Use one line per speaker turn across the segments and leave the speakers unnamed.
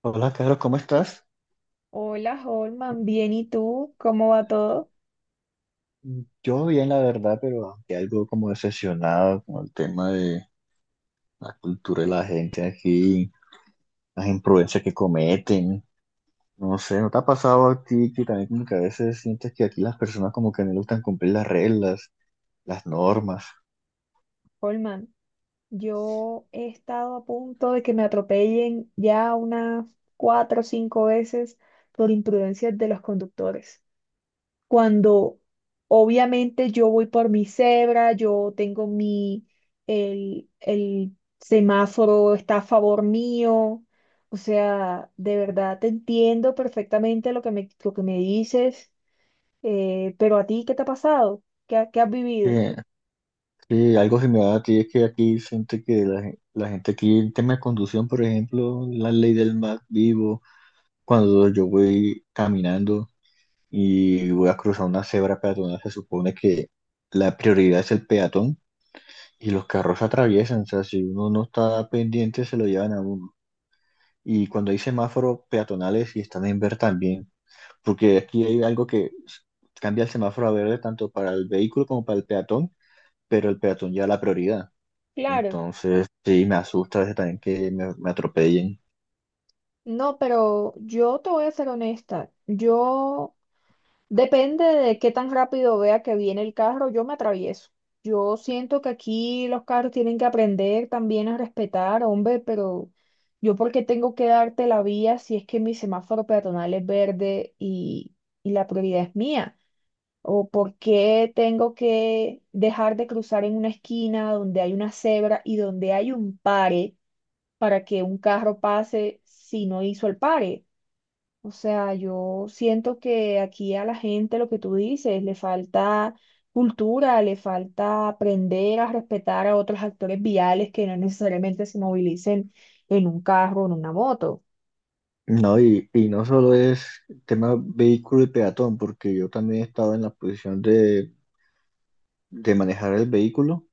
Hola, Carlos, ¿cómo estás?
Hola, Holman, bien, ¿y tú? ¿Cómo va todo?
Yo bien, la verdad, pero aunque algo como decepcionado con el tema de la cultura de la gente aquí, las imprudencias que cometen. No sé, ¿no te ha pasado a ti que también como que a veces sientes que aquí las personas como que no le gustan cumplir las reglas, las normas?
Holman, yo he estado a punto de que me atropellen ya unas 4 o 5 veces por imprudencias de los conductores. Cuando obviamente yo voy por mi cebra, yo tengo el semáforo está a favor mío. O sea, de verdad te entiendo perfectamente lo que me dices, pero a ti, ¿qué te ha pasado? ¿Qué has
Sí,
vivido?
sí, algo similar a ti es que aquí siente que la gente aquí, el tema de conducción, por ejemplo, la ley del más vivo, cuando yo voy caminando y voy a cruzar una cebra peatonal, se supone que la prioridad es el peatón y los carros atraviesan, o sea, si uno no está pendiente se lo llevan a uno. Y cuando hay semáforos peatonales y están en verde también, porque aquí hay algo que cambia el semáforo a verde tanto para el vehículo como para el peatón, pero el peatón ya la prioridad.
Claro,
Entonces, sí, me asusta a veces también que me atropellen.
no, pero yo te voy a ser honesta. Yo, depende de qué tan rápido vea que viene el carro, yo me atravieso. Yo siento que aquí los carros tienen que aprender también a respetar, hombre, pero yo porque tengo que darte la vía si es que mi semáforo peatonal es verde y la prioridad es mía. O por qué tengo que dejar de cruzar en una esquina donde hay una cebra y donde hay un pare para que un carro pase si no hizo el pare. O sea, yo siento que aquí a la gente lo que tú dices, le falta cultura, le falta aprender a respetar a otros actores viales que no necesariamente se movilicen en un carro o en una moto.
No, y no solo es tema vehículo y peatón, porque yo también he estado en la posición de manejar el vehículo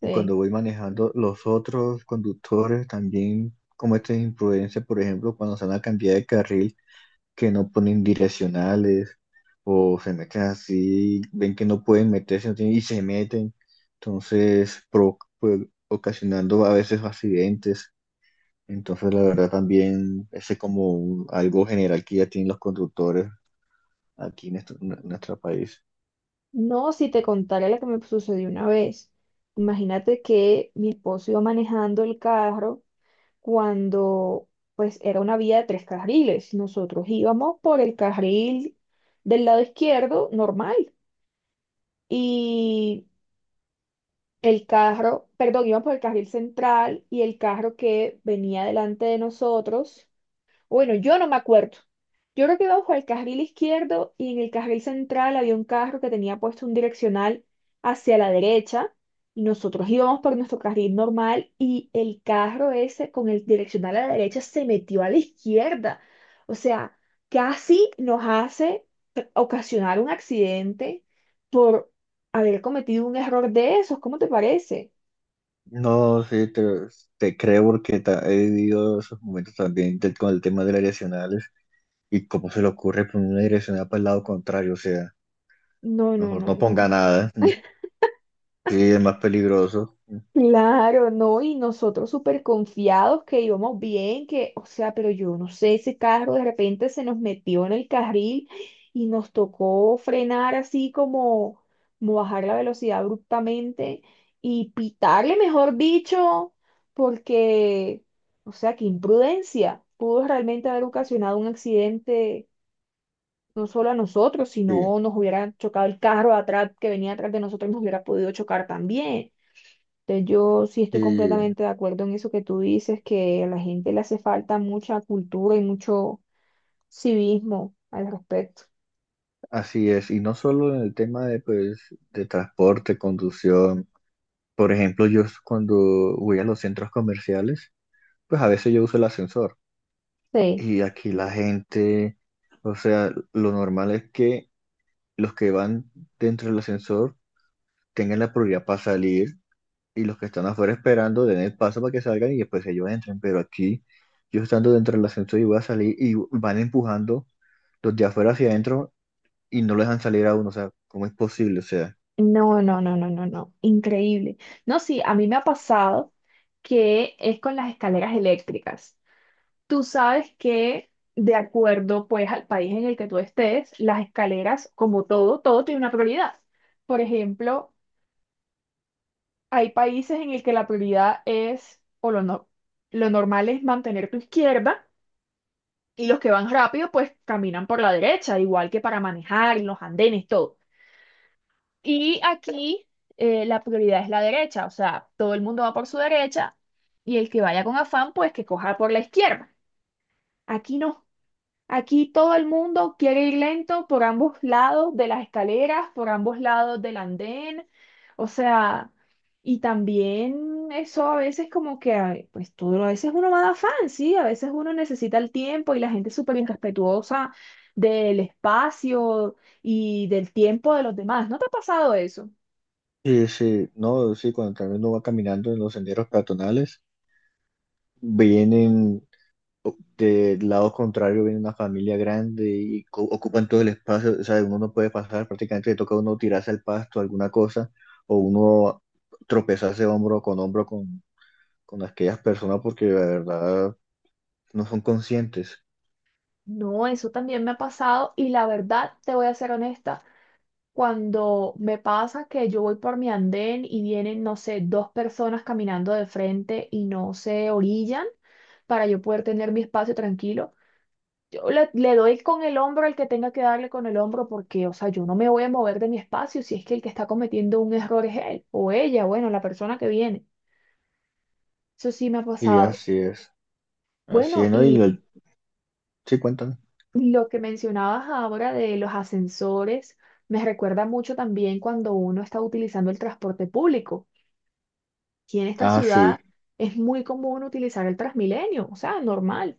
y
Sí.
cuando voy manejando los otros conductores también cometen imprudencia, por ejemplo, cuando se van a cambiar de carril que no ponen direccionales o se meten así, ven que no pueden meterse no tienen- y se meten, entonces pues, ocasionando a veces accidentes. Entonces, la verdad también ese es como algo general que ya tienen los conductores aquí en, nuestro país.
No, si te contara lo que me sucedió una vez. Imagínate que mi esposo iba manejando el carro cuando pues era una vía de tres carriles. Nosotros íbamos por el carril del lado izquierdo normal y perdón, íbamos por el carril central y el carro que venía delante de nosotros bueno, yo no me acuerdo. Yo creo que iba bajo el carril izquierdo y en el carril central había un carro que tenía puesto un direccional hacia la derecha y nosotros íbamos por nuestro carril normal y el carro ese con el direccional a la derecha se metió a la izquierda. O sea, casi nos hace ocasionar un accidente por haber cometido un error de esos. ¿Cómo te parece?
No, sí, te creo porque he vivido esos momentos también con el tema de las direccionales y cómo se le ocurre poner una direccional para el lado contrario, o sea,
No, no,
mejor
no,
no ponga
no.
nada, sí, es más peligroso,
Claro, no, y nosotros súper confiados que íbamos bien, que, o sea, pero yo no sé, ese carro de repente se nos metió en el carril y nos tocó frenar así como, como bajar la velocidad abruptamente y pitarle, mejor dicho, porque, o sea, qué imprudencia, pudo realmente haber ocasionado un accidente no solo a nosotros,
sí,
sino nos hubiera chocado el carro atrás que venía atrás de nosotros y nos hubiera podido chocar también. Entonces, yo sí estoy
sí,
completamente de acuerdo en eso que tú dices, que a la gente le hace falta mucha cultura y mucho civismo al respecto.
así es, y no solo en el tema de, pues, de transporte, conducción, por ejemplo, yo cuando voy a los centros comerciales, pues a veces yo uso el ascensor
Sí.
y aquí la gente, o sea, lo normal es que los que van dentro del ascensor, tengan la prioridad para salir y los que están afuera esperando den el paso para que salgan y después ellos entren. Pero aquí, yo estando dentro del ascensor y voy a salir y van empujando los de afuera hacia adentro y no lo dejan salir a uno. O sea, ¿cómo es posible? O sea,
No, no, no, no, no, no. Increíble. No, sí, a mí me ha pasado que es con las escaleras eléctricas. Tú sabes que de acuerdo pues al país en el que tú estés, las escaleras, como todo, todo tiene una prioridad. Por ejemplo, hay países en el que la prioridad es, no, lo normal es mantener tu izquierda. Y los que van rápido, pues caminan por la derecha, igual que para manejar, en los andenes, todo. Y aquí la prioridad es la derecha, o sea, todo el mundo va por su derecha y el que vaya con afán, pues que coja por la izquierda. Aquí no, aquí todo el mundo quiere ir lento por ambos lados de las escaleras, por ambos lados del andén, o sea, y también eso a veces como que, ay, pues todo, a veces uno va de afán, ¿sí? A veces uno necesita el tiempo y la gente es súper irrespetuosa del espacio y del tiempo de los demás. ¿No te ha pasado eso?
sí, sí, no, sí, cuando también uno va caminando en los senderos peatonales, vienen del lado contrario, viene una familia grande y ocupan todo el espacio. O sea, uno no puede pasar, prácticamente le toca a uno tirarse al pasto, alguna cosa, o uno tropezarse hombro con hombro con aquellas personas porque la verdad no son conscientes.
No, eso también me ha pasado y la verdad, te voy a ser honesta. Cuando me pasa que yo voy por mi andén y vienen, no sé, dos personas caminando de frente y no se orillan para yo poder tener mi espacio tranquilo, yo le doy con el hombro al que tenga que darle con el hombro porque, o sea, yo no me voy a mover de mi espacio si es que el que está cometiendo un error es él o ella, bueno, la persona que viene. Eso sí me ha
Y
pasado.
así
Bueno,
es, ¿no?
y
Sí, cuentan.
lo que mencionabas ahora de los ascensores me recuerda mucho también cuando uno está utilizando el transporte público. Aquí en esta
Ah, sí.
ciudad es muy común utilizar el Transmilenio, o sea, normal.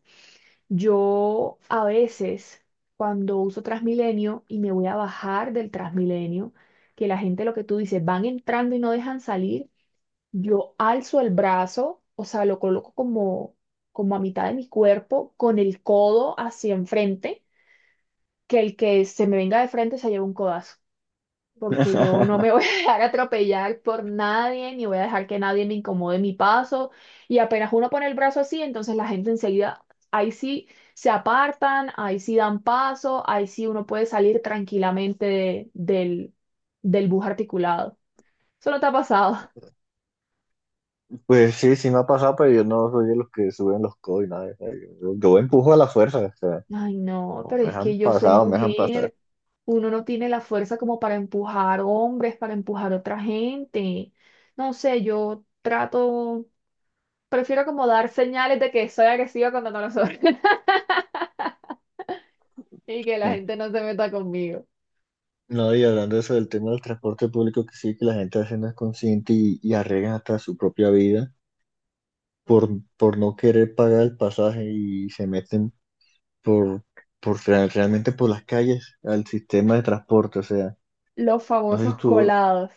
Yo a veces, cuando uso Transmilenio y me voy a bajar del Transmilenio, que la gente, lo que tú dices, van entrando y no dejan salir, yo alzo el brazo, o sea, lo coloco como, como a mitad de mi cuerpo, con el codo hacia enfrente, que el que se me venga de frente se lleva un codazo porque yo no me voy a dejar atropellar por nadie, ni voy a dejar que nadie me incomode mi paso. Y apenas uno pone el brazo así, entonces la gente enseguida, ahí sí se apartan, ahí sí dan paso, ahí sí uno puede salir tranquilamente del bus articulado. Eso no te ha pasado.
Pues sí, sí me ha pasado, pero yo no soy de los que suben los codos y nada, o sea, yo empujo a la fuerza, o sea,
Ay, no,
o
pero
me
es
dejan
que yo soy
pasar o me dejan pasar.
mujer. Uno no tiene la fuerza como para empujar hombres, para empujar otra gente. No sé, yo trato. Prefiero como dar señales de que soy agresiva cuando no lo soy y que la
Eh.
gente no se meta conmigo.
No, y hablando de eso del tema del transporte público, que sí, que la gente a veces no es consciente y arriesgan hasta su propia vida por, por no querer pagar el pasaje y se meten por, por realmente por las calles al sistema de transporte, o sea.
Los
No sé si
famosos
tú,
colados.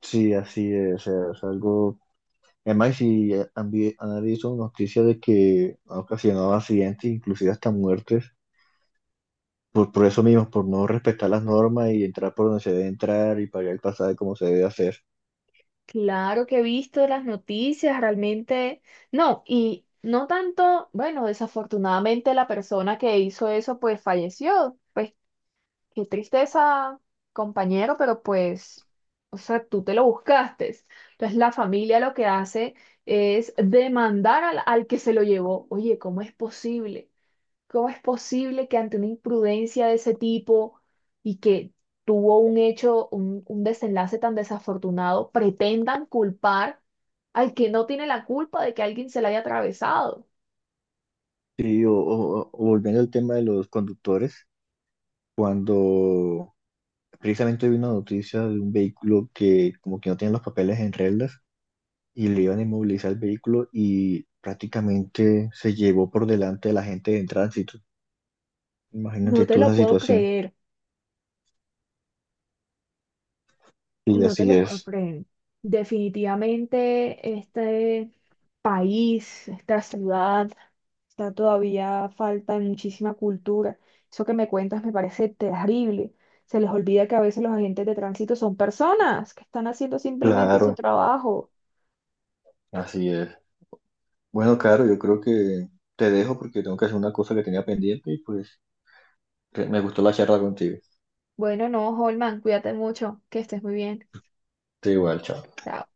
sí, así es, o sea, es algo, además si han, han visto noticias de que ha ocasionado accidentes, inclusive hasta muertes, por eso mismo, por no respetar las normas y entrar por donde se debe entrar y pagar el pasaje como se debe hacer.
Claro que he visto las noticias, realmente. No, y no tanto, bueno, desafortunadamente la persona que hizo eso pues falleció. Pues qué tristeza, compañero, pero pues, o sea, tú te lo buscaste. Entonces la familia lo que hace es demandar al que se lo llevó. Oye, ¿cómo es posible? ¿Cómo es posible que ante una imprudencia de ese tipo y que tuvo un hecho, un desenlace tan desafortunado, pretendan culpar al que no tiene la culpa de que alguien se la haya atravesado?
Sí, o volviendo al tema de los conductores, cuando precisamente vi una noticia de un vehículo que como que no tiene los papeles en reglas y le iban a inmovilizar el vehículo y prácticamente se llevó por delante de la gente en tránsito.
No
Imagínate
te
tú
lo
esa
puedo
situación.
creer.
Y
No te
así
lo puedo
es.
creer. Definitivamente este país, esta ciudad, está todavía falta de muchísima cultura. Eso que me cuentas me parece terrible. Se les olvida que a veces los agentes de tránsito son personas que están haciendo simplemente su
Claro,
trabajo.
así es. Bueno, Caro, yo creo que te dejo porque tengo que hacer una cosa que tenía pendiente y pues que me gustó la charla contigo.
Bueno, no, Holman, cuídate mucho, que estés muy bien.
Te igual, chao.
Chao.